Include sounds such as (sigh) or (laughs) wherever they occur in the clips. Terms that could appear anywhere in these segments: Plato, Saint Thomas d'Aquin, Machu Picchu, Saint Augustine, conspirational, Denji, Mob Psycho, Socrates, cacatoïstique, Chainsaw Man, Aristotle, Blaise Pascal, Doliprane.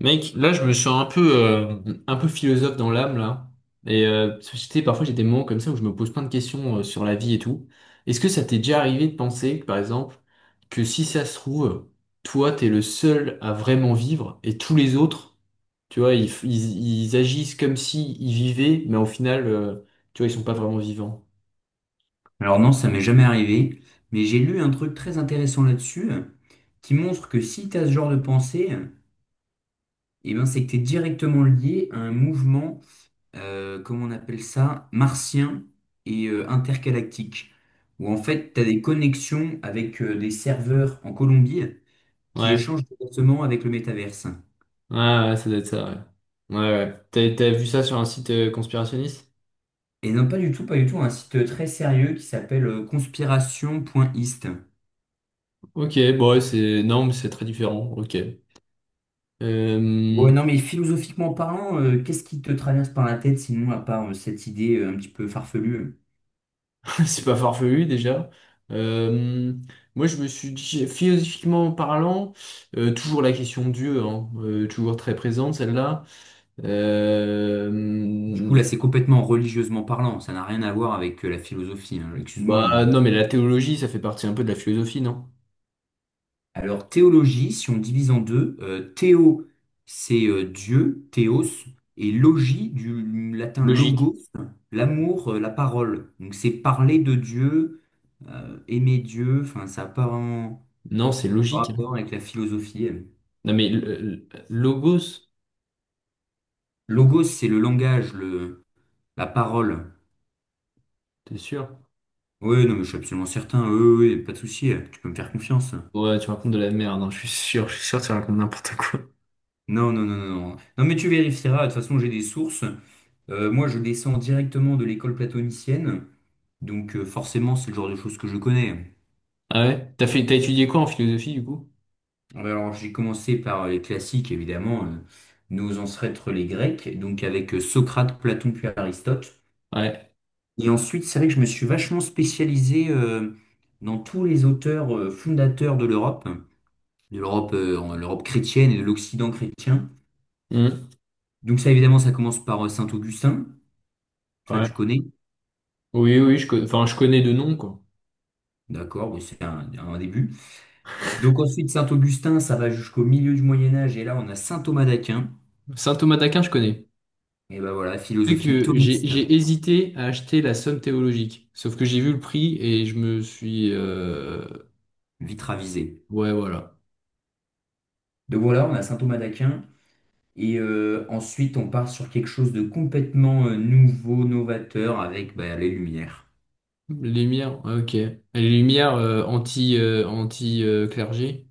Mec, là, je me sens un peu philosophe dans l'âme, là. Parce que, tu sais, parfois, j'ai des moments comme ça où je me pose plein de questions sur la vie et tout. Est-ce que ça t'est déjà arrivé de penser, par exemple, que si ça se trouve, toi, t'es le seul à vraiment vivre et tous les autres, tu vois, ils agissent comme si ils vivaient, mais au final, tu vois, ils sont pas vraiment vivants. Alors non, ça m'est jamais arrivé, mais j'ai lu un truc très intéressant là-dessus, qui montre que si tu as ce genre de pensée, eh ben c'est que tu es directement lié à un mouvement, comment on appelle ça, martien et intergalactique, où en fait tu as des connexions avec des serveurs en Colombie qui Ouais, échangent directement avec le métaverse. ouais, ouais, ça doit être ça, ouais. Ouais, ouais. T'as vu ça sur un site conspirationniste? Et non, pas du tout, pas du tout, un site très sérieux qui s'appelle conspiration.ist. Ok, bon, ouais, c'est... Non, mais c'est très différent, ok. Euh, Bon non, mais philosophiquement parlant, qu'est-ce qui te traverse par la tête sinon à part cette idée un petit peu farfelue? (laughs) C'est pas farfelu déjà. Euh, Moi, je me suis dit, philosophiquement parlant, toujours la question de Dieu, hein, toujours très présente celle-là. Du Euh, coup, là, c'est complètement religieusement parlant, ça n'a rien à voir avec la philosophie, hein, excuse-moi, Bah mais. non, mais la théologie, ça fait partie un peu de la philosophie, non? Alors, théologie, si on divise en deux, théo, c'est Dieu, théos, et logie, du latin Logique. logos, l'amour, la parole. Donc, c'est parler de Dieu, aimer Dieu, enfin, ça n'a pas vraiment Non, c'est logique, hein. rapport avec la philosophie. Elle. Non, mais logos, Logos, c'est le langage, le... la parole. t'es sûr? Oui, non, mais je suis absolument certain. Oui, oui, oui, pas de souci. Tu peux me faire confiance. Ouais, tu racontes de la merde, hein, je suis sûr, que tu racontes n'importe quoi. Non, non, non, non, non. Non, mais tu vérifieras. De toute façon, j'ai des sources. Moi, je descends directement de l'école platonicienne. Donc, forcément, c'est le genre de choses que je connais. Ah ouais? T'as étudié quoi en philosophie du coup? Ouais, alors, j'ai commencé par les classiques, évidemment. Nos ancêtres, les Grecs. Donc, avec Socrate, Platon, puis Aristote. Ouais. Et ensuite, c'est vrai que je me suis vachement spécialisé dans tous les auteurs fondateurs de l'Europe. De l'Europe l'Europe chrétienne et de l'Occident chrétien. Hmm. Donc ça, évidemment, ça commence par Saint-Augustin. Ça, Ouais. tu connais. Oui, oui, enfin, je connais de nom, quoi. D'accord, oui, c'est un début. Donc ensuite, Saint-Augustin, ça va jusqu'au milieu du Moyen Âge. Et là, on a Saint Thomas d'Aquin. Saint Thomas d'Aquin, je connais. Et ben voilà, C'est philosophie que thomiste, j'ai hésité à acheter la somme théologique, sauf que j'ai vu le prix et je me suis... vite ravisée. Ouais, voilà. Donc voilà, on a Saint Thomas d'Aquin. Et ensuite, on part sur quelque chose de complètement nouveau, novateur, avec bah, les Lumières. Lumière, ok. Les lumières anti, clergé.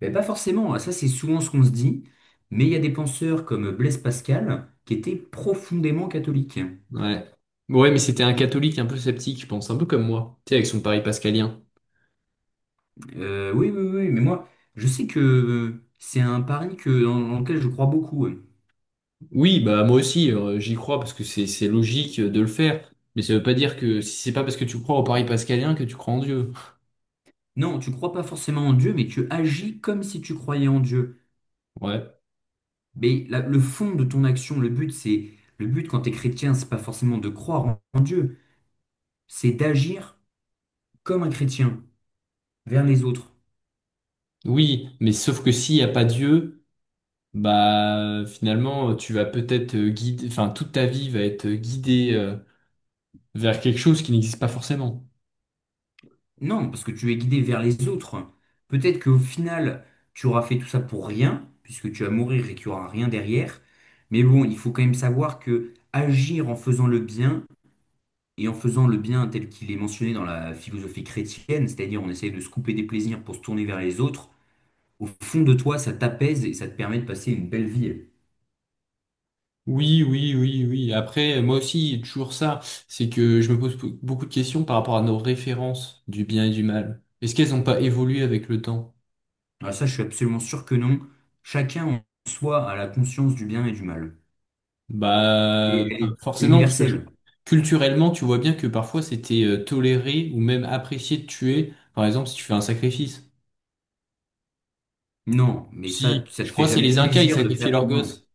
Mais pas forcément, hein. Ça c'est souvent ce qu'on se dit. Mais il y a des penseurs comme Blaise Pascal qui étaient profondément catholiques. Ouais. Ouais, mais c'était un catholique un peu sceptique, je pense, un peu comme moi, tu sais, avec son pari pascalien. Oui, oui, oui, mais moi, je sais que c'est un pari que, dans lequel je crois beaucoup. Oui, bah moi aussi, j'y crois parce que c'est logique de le faire, mais ça veut pas dire que si c'est pas parce que tu crois au pari pascalien que tu crois en Dieu. Non, tu crois pas forcément en Dieu, mais tu agis comme si tu croyais en Dieu. Ouais. Le fond de ton action, le but quand tu es chrétien, c'est pas forcément de croire en Dieu, c'est d'agir comme un chrétien vers les autres. Oui, mais sauf que s'il n'y a pas Dieu, bah finalement tu vas peut-être guider, enfin toute ta vie va être guidée vers quelque chose qui n'existe pas forcément. Non, parce que tu es guidé vers les autres. Peut-être qu'au final, tu auras fait tout ça pour rien, puisque tu vas mourir et qu'il n'y aura rien derrière. Mais bon, il faut quand même savoir que agir en faisant le bien et en faisant le bien tel qu'il est mentionné dans la philosophie chrétienne, c'est-à-dire on essaye de se couper des plaisirs pour se tourner vers les autres, au fond de toi, ça t'apaise et ça te permet de passer une belle vie. Oui, oui, oui, oui. Après, moi aussi, toujours ça, c'est que je me pose pou- beaucoup de questions par rapport à nos références du bien et du mal. Est-ce qu'elles n'ont pas évolué avec le temps? Alors ça, je suis absolument sûr que non. Chacun en soi a la conscience du bien et du mal. Bah Et elle est C'est forcément, parce que universel. culturellement, tu vois bien que parfois c'était toléré ou même apprécié de tuer, par exemple, si tu fais un sacrifice. Non, mais ça, Si, ça te je crois fait que c'est jamais les Incas, ils plaisir de sacrifiaient faire. leurs Non, gosses.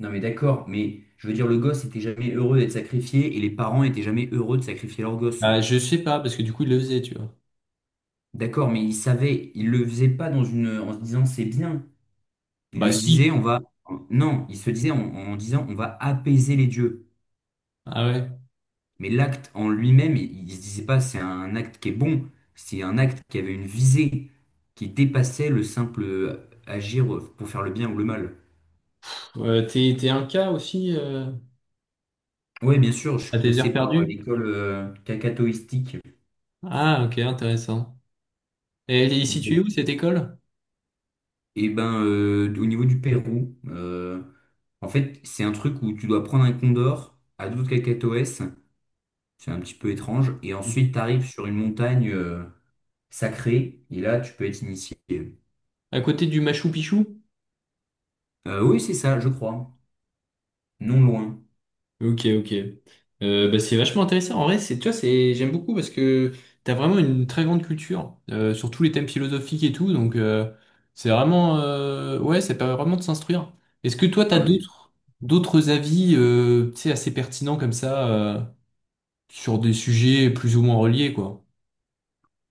non, mais d'accord, mais je veux dire, le gosse était jamais heureux d'être sacrifié et les parents étaient jamais heureux de sacrifier leur gosse. Bah, je sais pas, parce que du coup, il le faisait, tu vois. D'accord, mais ils savaient, ils le faisaient pas dans une, en se disant c'est bien. Il Bah, le disait, on si. va. Non, il se disait en disant on va apaiser les dieux. Ah ouais. Mais l'acte en lui-même, il ne se disait pas c'est un acte qui est bon, c'est un acte qui avait une visée, qui dépassait le simple agir pour faire le bien ou le mal. Pff, t'es un cas aussi, Oui, bien sûr, je à suis tes passé heures par perdues? l'école cacatoïstique. Ah, ok, intéressant. Et elle est située où, cette école? Et ben, au niveau du Pérou, en fait, c'est un truc où tu dois prendre un condor à d'autres cacatoès, c'est un petit peu étrange, et ensuite tu Ok. arrives sur une montagne, sacré, et là, tu peux être initié. À côté du Machu Picchu? Oui, c'est ça, je crois. Non loin. Ok, ok. Bah, c'est vachement intéressant. En vrai, c'est, j'aime beaucoup parce que t'as vraiment une très grande culture, sur tous les thèmes philosophiques et tout. Donc, c'est vraiment, ouais, ça permet vraiment de s'instruire. Est-ce que toi, Ah, mais d'autres avis, tu sais, assez pertinents comme ça, sur des sujets plus ou moins reliés, quoi.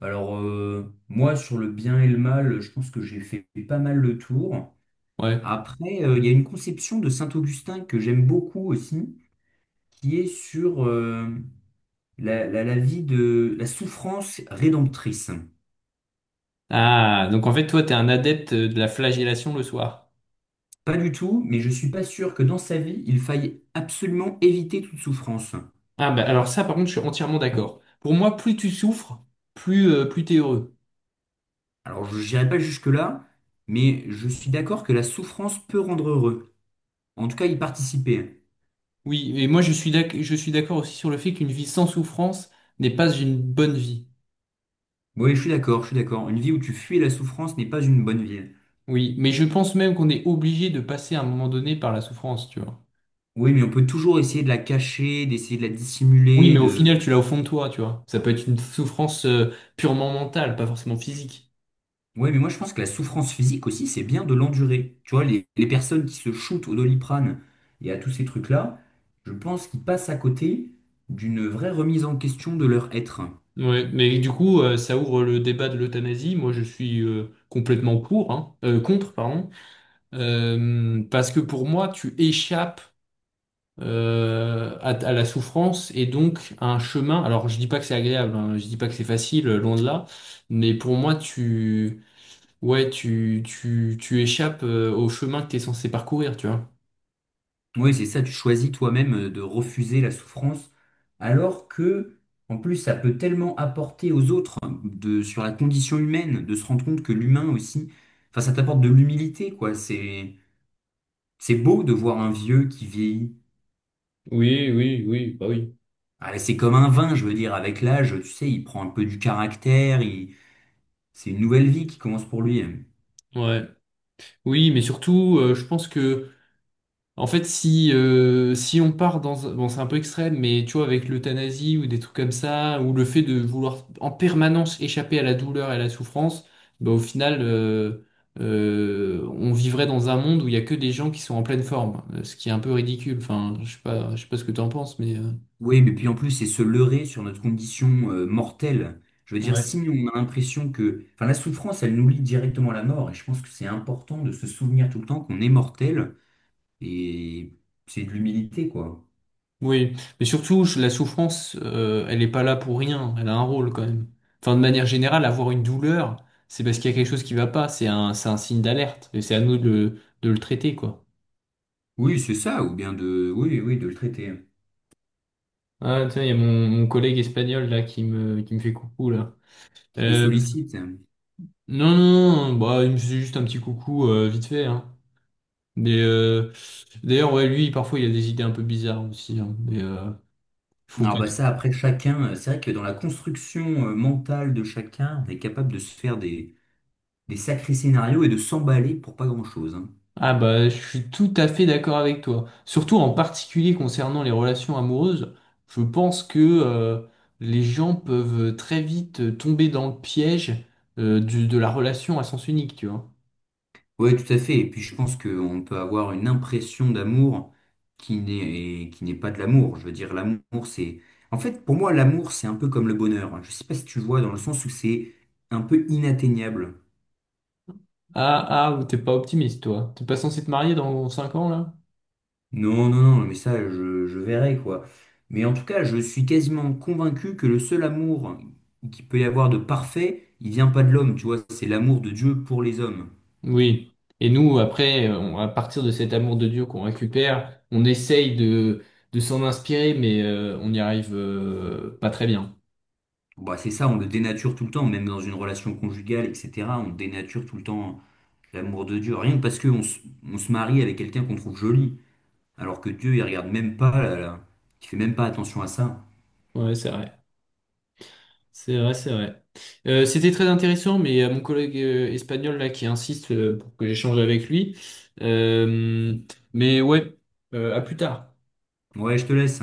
alors, moi, sur le bien et le mal, je pense que j'ai fait pas mal le tour. Ouais. Après, il y a une conception de Saint-Augustin que j'aime beaucoup aussi, qui est sur la vie de la souffrance rédemptrice. Ah, donc en fait, toi, t'es un adepte de la flagellation le soir. Pas du tout, mais je suis pas sûr que dans sa vie, il faille absolument éviter toute souffrance. Ah, bah alors ça, par contre, je suis entièrement d'accord. Pour moi, plus tu souffres, plus t'es heureux. Alors, je n'irai pas jusque-là, mais je suis d'accord que la souffrance peut rendre heureux. En tout cas, y participer. Oui, et moi, je suis d'accord aussi sur le fait qu'une vie sans souffrance n'est pas une bonne vie. Oui, je suis d'accord, je suis d'accord. Une vie où tu fuis la souffrance n'est pas une bonne vie. Oui, mais je pense même qu'on est obligé de passer à un moment donné par la souffrance, tu vois. Oui, mais on peut toujours essayer de la cacher, d'essayer de la Oui, dissimuler, mais au de... final, tu l'as au fond de toi, tu vois. Ça peut être une souffrance, purement mentale, pas forcément physique. Oui, mais moi je pense que la souffrance physique aussi, c'est bien de l'endurer. Tu vois, les personnes qui se shootent au Doliprane et à tous ces trucs-là, je pense qu'ils passent à côté d'une vraie remise en question de leur être. Ouais, mais du coup, ça ouvre le débat de l'euthanasie. Moi, je suis complètement pour, hein, contre, pardon. Parce que pour moi, tu échappes à la souffrance et donc à un chemin. Alors, je dis pas que c'est agréable, hein, je dis pas que c'est facile, loin de là, mais pour moi, tu échappes au chemin que tu es censé parcourir, tu vois. Oui, c'est ça, tu choisis toi-même de refuser la souffrance, alors que, en plus, ça peut tellement apporter aux autres hein, de, sur la condition humaine, de se rendre compte que l'humain aussi, enfin, ça t'apporte de l'humilité, quoi. C'est beau de voir un vieux qui vieillit. Oui, oui, oui, bah oui. Ah, c'est comme un vin, je veux dire, avec l'âge, tu sais, il prend un peu du caractère, c'est une nouvelle vie qui commence pour lui, hein. Ouais. Oui, mais surtout, je pense que en fait, si, si on part dans... Bon, c'est un peu extrême, mais tu vois, avec l'euthanasie ou des trucs comme ça, ou le fait de vouloir en permanence échapper à la douleur et à la souffrance, bah, au final, on vivrait dans un monde où il y a que des gens qui sont en pleine forme, ce qui est un peu ridicule. Enfin, je sais pas, ce que tu en penses, mais... Oui, mais puis en plus, c'est se leurrer sur notre condition mortelle. Je veux dire, si Ouais. on a l'impression que... Enfin, la souffrance, elle nous lie directement à la mort, et je pense que c'est important de se souvenir tout le temps qu'on est mortel, et c'est de l'humilité, quoi. Oui, mais surtout, la souffrance, elle n'est pas là pour rien, elle a un rôle quand même. Enfin, de manière générale, avoir une douleur, c'est parce qu'il y a quelque chose qui va pas, c'est un signe d'alerte, et c'est à nous de de le traiter, quoi. Oui, c'est ça, ou bien de... Oui, oui, de le traiter, Ah, tiens, il y a mon collègue espagnol, là, qui qui me fait coucou, là. qui te Euh, sollicite. non, non, non, bah, il me faisait juste un petit coucou, vite fait, hein. Mais, d'ailleurs, ouais, lui, parfois, il a des idées un peu bizarres aussi, hein, mais, faut Alors pas. bah ça, après, chacun, c'est vrai que dans la construction mentale de chacun, on est capable de se faire des sacrés scénarios et de s'emballer pour pas grand-chose, hein. Ah bah, je suis tout à fait d'accord avec toi. Surtout en particulier concernant les relations amoureuses, je pense que les gens peuvent très vite tomber dans le piège de la relation à sens unique, tu vois. Oui, tout à fait. Et puis je pense qu'on peut avoir une impression d'amour qui n'est pas de l'amour. Je veux dire, l'amour, c'est... En fait, pour moi, l'amour, c'est un peu comme le bonheur, hein. Je sais pas si tu vois, dans le sens où c'est un peu inatteignable. Ah ah, t'es pas optimiste, toi. T'es pas censé te marier dans 5 ans, là? Non, non, non, mais ça, je verrai, quoi. Mais en tout cas, je suis quasiment convaincu que le seul amour qu'il peut y avoir de parfait, il vient pas de l'homme, tu vois, c'est l'amour de Dieu pour les hommes. Oui. Et nous, après, à partir de cet amour de Dieu qu'on récupère, on essaye de s'en inspirer, mais on n'y arrive pas très bien. Bah, c'est ça, on le dénature tout le temps, même dans une relation conjugale, etc. On dénature tout le temps l'amour de Dieu, rien que parce on se marie avec quelqu'un qu'on trouve joli, alors que Dieu, il regarde même pas, là. Il fait même pas attention à ça. Ouais, c'est vrai. C'est vrai, c'est vrai. C'était très intéressant, mais mon collègue espagnol là qui insiste pour que j'échange avec lui. Euh, mais ouais, à plus tard. Ouais, je te laisse.